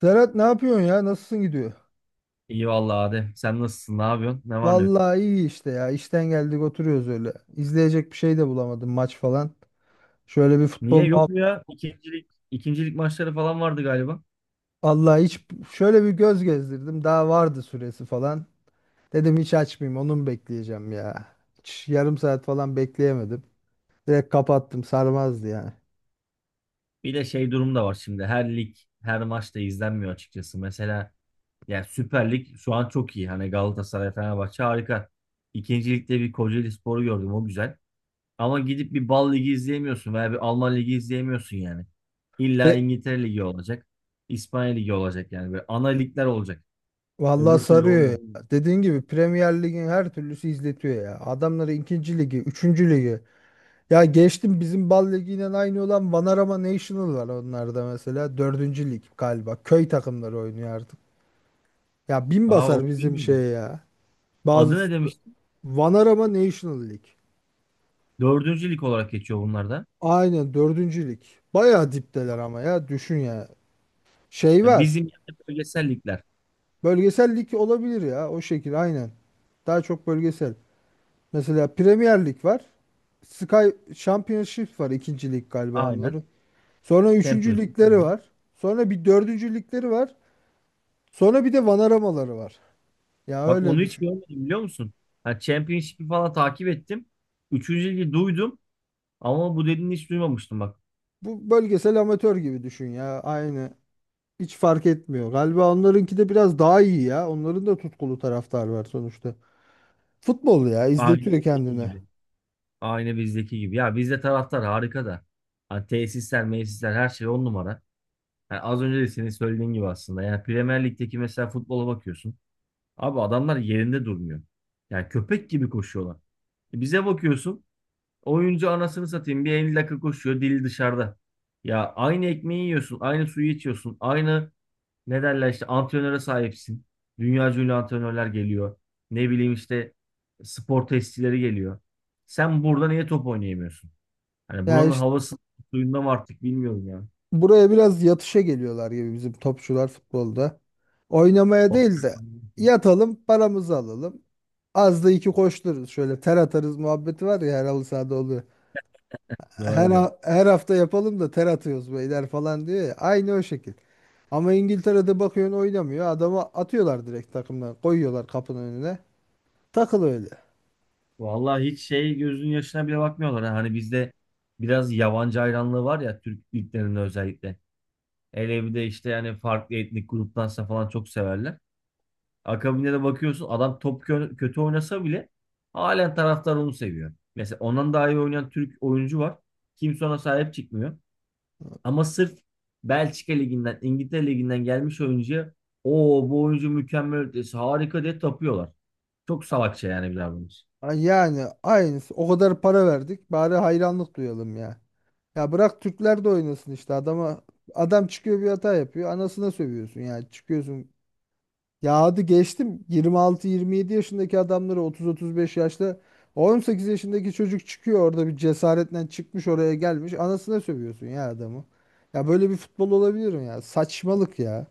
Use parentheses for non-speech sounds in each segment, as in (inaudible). Serhat, ne yapıyorsun ya? Nasılsın, gidiyor? İyi vallahi Adem. Sen nasılsın? Ne yapıyorsun? Ne var ne yok? Vallahi iyi işte ya. İşten geldik, oturuyoruz öyle. İzleyecek bir şey de bulamadım, maç falan. Şöyle bir Niye futbol yok muhab- mu ya? İkincilik maçları falan vardı galiba. Vallahi hiç, şöyle bir göz gezdirdim. Daha vardı süresi falan. Dedim hiç açmayayım, onu mu bekleyeceğim ya. Hiç yarım saat falan bekleyemedim. Direkt kapattım, sarmazdı yani. Bir de durum da var şimdi. Her lig, her maç da izlenmiyor açıkçası. Mesela yani Süper Lig şu an çok iyi. Hani Galatasaray, Fenerbahçe harika. İkincilikte bir Kocaelispor'u gördüm. O güzel. Ama gidip bir Bal Ligi izleyemiyorsun veya bir Alman Ligi izleyemiyorsun yani. İlla E, İngiltere Ligi olacak. İspanya Ligi olacak yani. Böyle ana ligler olacak. vallahi Öbür türlü sarıyor olmuyor. ya. Dediğin gibi Premier Lig'in her türlüsü izletiyor ya. Adamları ikinci ligi, üçüncü ligi. Ya geçtim, bizim bal ligiyle aynı olan Vanarama National var onlarda mesela. Dördüncü lig galiba. Köy takımları oynuyor artık. Ya bin Aa, basar onu bizim şey bilmiyordum. ya. Bazı Adı ne? Vanarama National Lig. Dördüncü lig olarak geçiyor bunlar da. Aynen, dördüncü lig. Bayağı dipteler ama ya, düşün ya. Şey Ya var. bizim yani bölgesel ligler. Bölgesel lig olabilir ya, o şekil aynen. Daha çok bölgesel. Mesela Premier Lig var. Sky Championship var, ikinci lig galiba Aynen. onların. Sonra üçüncü Championship. ligleri Aynen. var. Sonra bir dördüncü ligleri var. Sonra bir de vanaramaları var. Ya Bak öyle onu hiç düşün. görmedim biliyor musun? Ha, Championship'i falan takip ettim. Üçüncü ligi duydum. Ama bu dediğini hiç duymamıştım bak. Bu bölgesel amatör gibi düşün ya. Aynı. Hiç fark etmiyor. Galiba onlarınki de biraz daha iyi ya. Onların da tutkulu taraftar var sonuçta. Futbol ya, Aynı izletiyor bizdeki kendine. gibi. Aynı bizdeki gibi. Ya bizde taraftar harika da. Ha, tesisler, mesisler her şey on numara. Yani az önce de senin söylediğin gibi aslında. Yani Premier Lig'deki mesela futbola bakıyorsun. Abi adamlar yerinde durmuyor. Yani köpek gibi koşuyorlar. Bize bakıyorsun. Oyuncu anasını satayım bir 50 dakika koşuyor dili dışarıda. Ya aynı ekmeği yiyorsun, aynı suyu içiyorsun, aynı ne derler işte antrenöre sahipsin. Dünya ünlü antrenörler geliyor. Ne bileyim işte spor testileri geliyor. Sen burada niye top oynayamıyorsun? Hani Yani buranın işte, havası suyunda mı artık bilmiyorum ya. buraya biraz yatışa geliyorlar gibi bizim topçular futbolda. Oynamaya O- değil de yatalım, paramızı alalım. Az da iki koştururuz, şöyle ter atarız muhabbeti var ya, her halı sahada oluyor. her, Doğru diyor. ha- her hafta yapalım da ter atıyoruz beyler falan diyor ya. Aynı o şekil. Ama İngiltere'de bakıyorsun, oynamıyor. Adamı atıyorlar direkt takımdan. Koyuyorlar kapının önüne. Takıl öyle. Vallahi hiç gözünün yaşına bile bakmıyorlar. Ha. Hani bizde biraz yabancı hayranlığı var ya Türk liglerinde özellikle. Hele bir de işte yani farklı etnik gruptansa falan çok severler. Akabinde de bakıyorsun adam top kötü oynasa bile halen taraftar onu seviyor. Mesela ondan daha iyi oynayan Türk oyuncu var. Kimse ona sahip çıkmıyor. Ama sırf Belçika Ligi'nden, İngiltere Ligi'nden gelmiş oyuncuya o bu oyuncu mükemmel ötesi harika diye tapıyorlar. Çok salakça yani bir davranış. Ay, yani aynısı. O kadar para verdik, bari hayranlık duyalım ya. Ya bırak, Türkler de oynasın işte. Adam çıkıyor, bir hata yapıyor. Anasına sövüyorsun yani. Çıkıyorsun. Ya, hadi geçtim. 26 27 yaşındaki adamları, 30 35 yaşta, 18 yaşındaki çocuk çıkıyor orada, bir cesaretle çıkmış oraya gelmiş, anasına sövüyorsun ya adamı. Ya, böyle bir futbol olabilir mi ya? Saçmalık ya.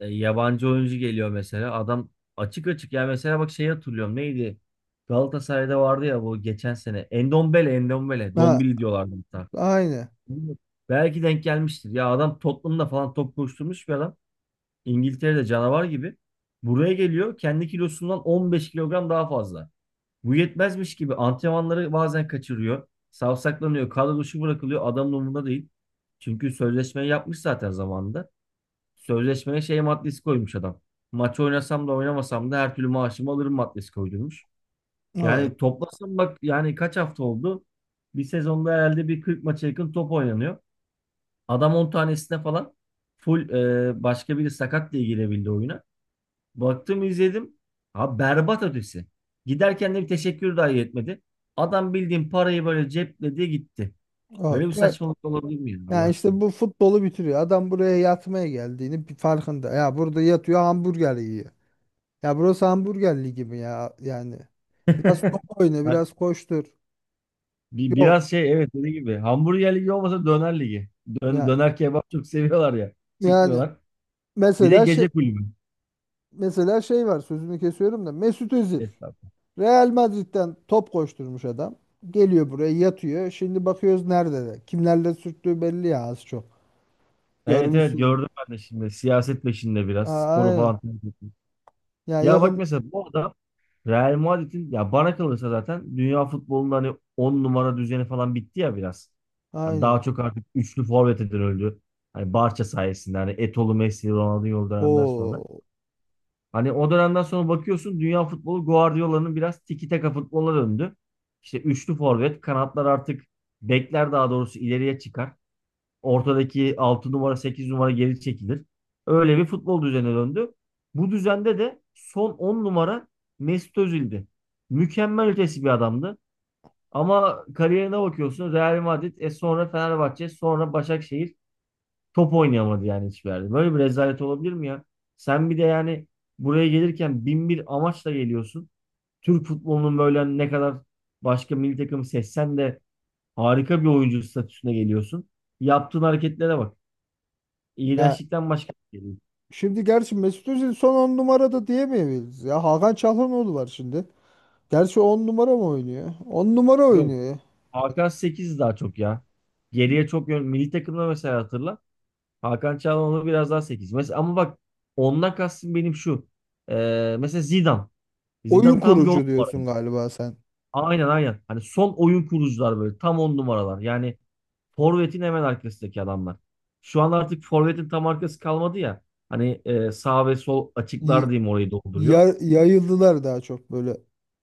Yabancı oyuncu geliyor mesela. Adam açık açık ya mesela bak şeyi hatırlıyorum neydi? Galatasaray'da vardı ya bu geçen sene. Endombele, Endombele. Ha, Dombili diyorlardı hatta. aynı. Belki denk gelmiştir. Ya adam Tottenham'da falan top koşturmuş bir adam. İngiltere'de canavar gibi. Buraya geliyor kendi kilosundan 15 kilogram daha fazla. Bu yetmezmiş gibi antrenmanları bazen kaçırıyor. Savsaklanıyor. Kadro dışı bırakılıyor. Adamın umurunda değil. Çünkü sözleşmeyi yapmış zaten zamanında. Sözleşmeye şey maddesi koymuş adam. Maçı oynasam da oynamasam da her türlü maaşımı alırım maddesi koydurmuş. Evet. Yani toplasam bak yani kaç hafta oldu? Bir sezonda herhalde bir 40 maça yakın top oynanıyor. Adam 10 tanesine falan full başka biri sakat diye girebildi oyuna. Baktım izledim. Ha berbat ötesi. Giderken de bir teşekkür dahi etmedi. Adam bildiğin parayı böyle cepledi gitti. Evet. Böyle bir Ya, saçmalık olabilir mi ya Allah yani aşkına? işte, bu futbolu bitiriyor. Adam buraya yatmaya geldiğini bir farkında. Ya, burada yatıyor, hamburger yiyor. Ya, burası hamburger ligi mi ya? Yani biraz top oyna, (laughs) (laughs) biraz koştur. Yok. biraz evet dediğim gibi hamburger ligi olmasa döner ligi. Dön, Ya, döner kebap çok seviyorlar ya. yani Çıkmıyorlar. Bir de mesela şey. gece kulübü. Mesela şey var, sözünü kesiyorum da, Mesut Özil Estağfurullah. Real Madrid'den top koşturmuş adam. Geliyor buraya yatıyor. Şimdi bakıyoruz nerede de. Kimlerle sürttüğü belli ya az çok. Evet, evet, Görmüşsün. gördüm ben de şimdi. Siyaset peşinde biraz. Aa, Sporu aynen. falan takip etmiş. Ya, Ya bak yakın mesela bu adam Real Madrid'in ya bana kalırsa zaten dünya futbolunda hani 10 numara düzeni falan bitti ya biraz. Hani aynen. daha çok artık üçlü forvete dönüldü. Hani Barça sayesinde hani Etolu, Messi, Ronaldinho döneminden sonra. Oo. Hani o dönemden sonra bakıyorsun dünya futbolu Guardiola'nın biraz tiki taka futboluna döndü. İşte üçlü forvet, kanatlar artık bekler daha doğrusu ileriye çıkar. Ortadaki 6 numara 8 numara geri çekilir. Öyle bir futbol düzenine döndü. Bu düzende de son 10 numara Mesut Özil'di. Mükemmel ötesi bir adamdı. Ama kariyerine bakıyorsun Real Madrid, sonra Fenerbahçe, sonra Başakşehir. Top oynayamadı yani hiçbir yerde. Böyle bir rezalet olabilir mi ya? Sen bir de yani buraya gelirken bin bir amaçla geliyorsun. Türk futbolunun böyle hani ne kadar başka milli takım seçsen de harika bir oyuncu statüsüne geliyorsun. Yaptığın hareketlere bak. Ya İğrençlikten başka bir şey değil. şimdi gerçi, Mesut Özil son 10 numarada diyemeyiz. Ya, Hakan Çalhanoğlu var şimdi. Gerçi 10 numara mı oynuyor? 10 numara Yok. oynuyor ya. Hakan 8 daha çok ya. Geriye çok yön. Milli takımda mesela hatırla. Hakan Çalhanoğlu onu biraz daha 8. Mesela ama bak ondan kastım benim şu. Mesela Zidane. Zidane Oyun tam bir on kurucu diyorsun numara. galiba sen. Aynen, aynen. Hani son oyun kurucular böyle tam 10 numaralar. Yani forvetin hemen arkasındaki adamlar. Şu an artık forvetin tam arkası kalmadı ya. Hani sağ ve sol Y- açıklar diyeyim orayı dolduruyor. yayıldılar daha çok böyle.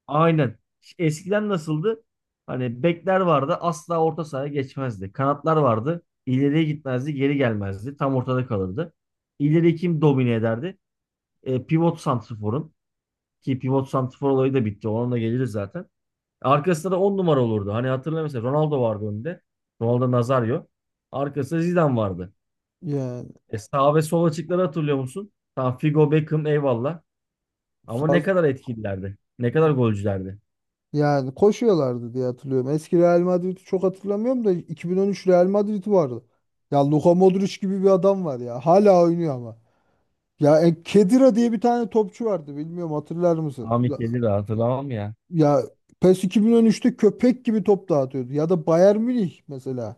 Aynen. Eskiden nasıldı? Hani bekler vardı asla orta sahaya geçmezdi. Kanatlar vardı, ileriye gitmezdi, geri gelmezdi. Tam ortada kalırdı. İleri kim domine ederdi? Pivot santrforun. Ki pivot santrfor olayı da bitti. Ona da geliriz zaten. Arkasında da 10 numara olurdu. Hani hatırla mesela Ronaldo vardı önde. Ronaldo Nazario. Arkasında Zidane vardı. Yani Sağ ve sol açıkları hatırlıyor musun? Tam Figo, Beckham eyvallah. Ama sağ ne kadar etkililerdi. Ne kadar golcülerdi. Yani koşuyorlardı diye hatırlıyorum. Eski Real Madrid'i çok hatırlamıyorum da, 2013 Real Madrid'i vardı. Ya Luka Modric gibi bir adam var ya. Hala oynuyor ama. Ya Khedira diye bir tane topçu vardı. Bilmiyorum, hatırlar mısın? Ahmet Ula- Yedir hatırlamam ya. Ya PES 2013'te köpek gibi top dağıtıyordu. Ya da Bayern Münih mesela.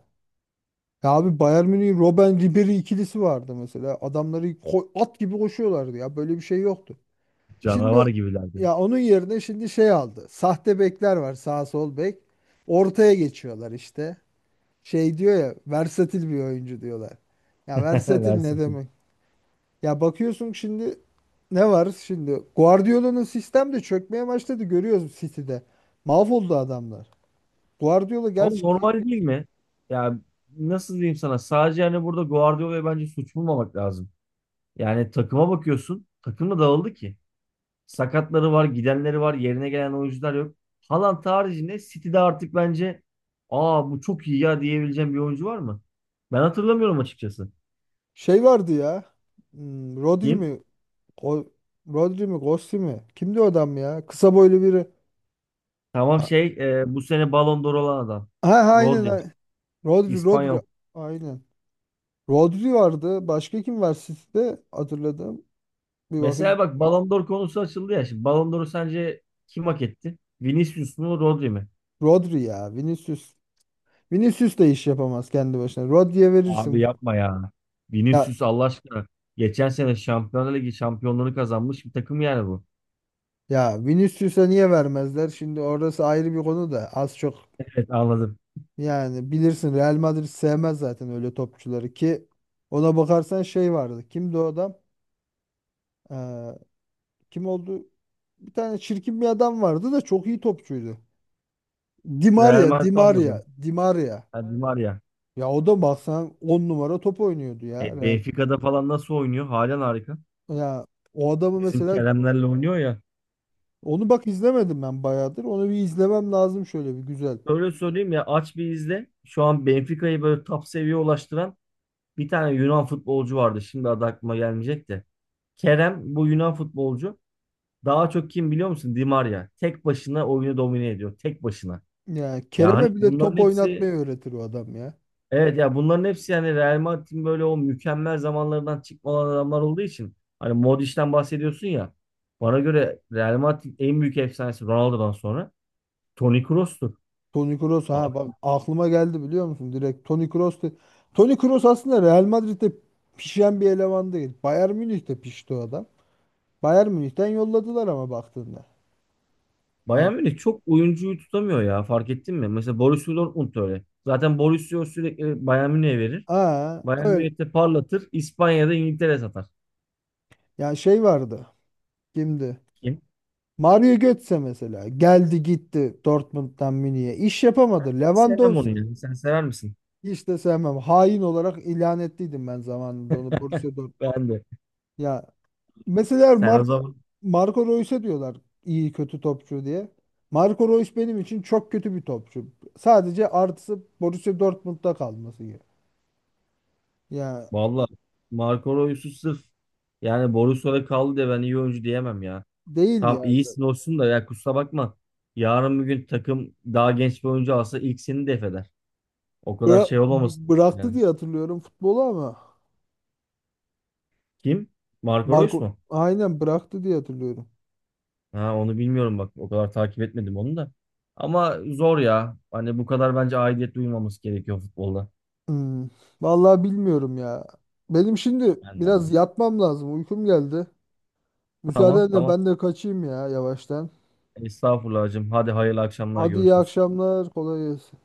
Ya abi, Bayern Münih'in Robben Ribery ikilisi vardı mesela. Adamları at gibi koşuyorlardı ya. Böyle bir şey yoktu. Şimdi, Canavar gibilerdi. ya onun yerine şimdi şey aldı. Sahte bekler var, sağ sol bek. Ortaya geçiyorlar işte. Şey diyor ya, versatil bir oyuncu diyorlar. Ya, (laughs) versatil ne Versin. demek? Ya bakıyorsun şimdi, ne var şimdi? Guardiola'nın sistem de çökmeye başladı, görüyoruz City'de. Mahvoldu adamlar. Guardiola Ama gerçi ki normal değil mi? Ya nasıl diyeyim sana? Sadece hani burada Guardiola'ya bence suç bulmamak lazım. Yani takıma bakıyorsun. Takım da dağıldı ki. Sakatları var, gidenleri var, yerine gelen oyuncular yok. Haaland haricinde City'de artık bence aa bu çok iyi ya diyebileceğim bir oyuncu var mı? Ben hatırlamıyorum açıkçası. şey vardı ya. Hmm, Rodri Kim? mi? Go- Rodri mi? Gossi mi? Kimdi o adam ya? Kısa boylu biri. Tamam, Ha, bu sene Ballon d'Or olan adam. ha, aynen. Rodri. Ha. Rodri, Rodri. İspanyol. Aynen. Rodri vardı. Başka kim var City'de? Hatırladım. Bir bakayım. Mesela bak Ballon d'Or konusu açıldı ya. Şimdi Ballon d'Or'u sence kim hak etti? Vinicius mu Rodri mi? Rodri ya. Vinicius. Vinicius da iş yapamaz kendi başına. Rodri'ye Abi verirsin. yapma ya. Ya Vinicius Allah aşkına. Geçen sene Şampiyonlar Ligi şampiyonluğunu kazanmış bir takım yani bu. ya Vinicius'a niye vermezler? Şimdi orası ayrı bir konu da, az çok Evet, anladım. yani bilirsin, Real Madrid sevmez zaten öyle topçuları, ki ona bakarsan şey vardı. Kimdi o adam? Ee, kim oldu? Bir tane çirkin bir adam vardı da çok iyi topçuydu. Di Real Maria, Madrid Di Maria, almadı. Di Maria. Ha, Di Maria. Ya o da baksan 10 numara top oynuyordu ya. Real. Benfica'da falan nasıl oynuyor? Halen harika. Ya o adamı Bizim mesela, Keremlerle oynuyor ya. onu bak izlemedim ben bayağıdır. Onu bir izlemem lazım şöyle bir güzel. Öyle söyleyeyim ya aç bir izle. Şu an Benfica'yı böyle top seviyeye ulaştıran bir tane Yunan futbolcu vardı. Şimdi adı aklıma gelmeyecek de. Kerem bu Yunan futbolcu. Daha çok kim biliyor musun? Di Maria. Tek başına oyunu domine ediyor. Tek başına. Ya Ya hani Kerem'e bile bunların top oynatmayı hepsi öğretir o adam ya. Evet ya bunların hepsi yani Real Madrid'in böyle o mükemmel zamanlarından çıkma olan adamlar olduğu için hani Modric'ten bahsediyorsun ya bana göre Real Madrid'in en büyük efsanesi Ronaldo'dan sonra Toni Kroos'tur. Toni Kroos, ha bak, Abi, aklıma geldi biliyor musun? Direkt Toni Kroos aslında Real Madrid'de pişen bir eleman değil. Bayern Münih'te pişti o adam. Bayern Münih'ten yolladılar ama baktığında. Yani. Bayern Münih çok oyuncuyu tutamıyor ya fark ettin mi? Mesela Borussia Dortmund da öyle. Zaten Borussia sürekli Bayern Münih'e verir. Aa, Bayern öyle. Münih'te parlatır. İspanya'da İngiltere satar. Ya şey vardı. Kimdi? Kim? Mario Götze mesela. Geldi gitti Dortmund'dan Münih'e. İş yapamadı. Sevmem onu Lewandowski. yani. Sen sever misin? Hiç de sevmem. Hain olarak ilan ettiydim ben zamanında onu, Borussia (laughs) Dortmund. Ben de. Ya mesela Sen o Marco zaman Marco Reus'e diyorlar iyi kötü topçu diye. Marco Reus benim için çok kötü bir topçu. Sadece artısı, Borussia Dortmund'da kalması gibi. Ya, Vallahi Marco Reus'u sırf yani Borussia'da kaldı diye ben iyi oyuncu diyemem ya. değil Tam ya. iyisin olsun da ya kusura bakma. Yarın bir gün takım daha genç bir oyuncu alsa ilk seni def eder. O kadar Bıra- şey olmamasın bıraktı yani. diye hatırlıyorum futbolu ama. Kim? Marco Reus Marco, mu? aynen bıraktı diye hatırlıyorum. Ha, onu bilmiyorum bak. O kadar takip etmedim onu da. Ama zor ya. Hani bu kadar bence aidiyet duymaması gerekiyor futbolda. Hmm. Vallahi bilmiyorum ya. Benim şimdi Ben de aynı. biraz yatmam lazım. Uykum geldi. Tamam, Müsaadenle tamam. ben de kaçayım ya yavaştan. Estağfurullah hacım. Hadi hayırlı akşamlar, Hadi, iyi görüşürüz. akşamlar. Kolay gelsin.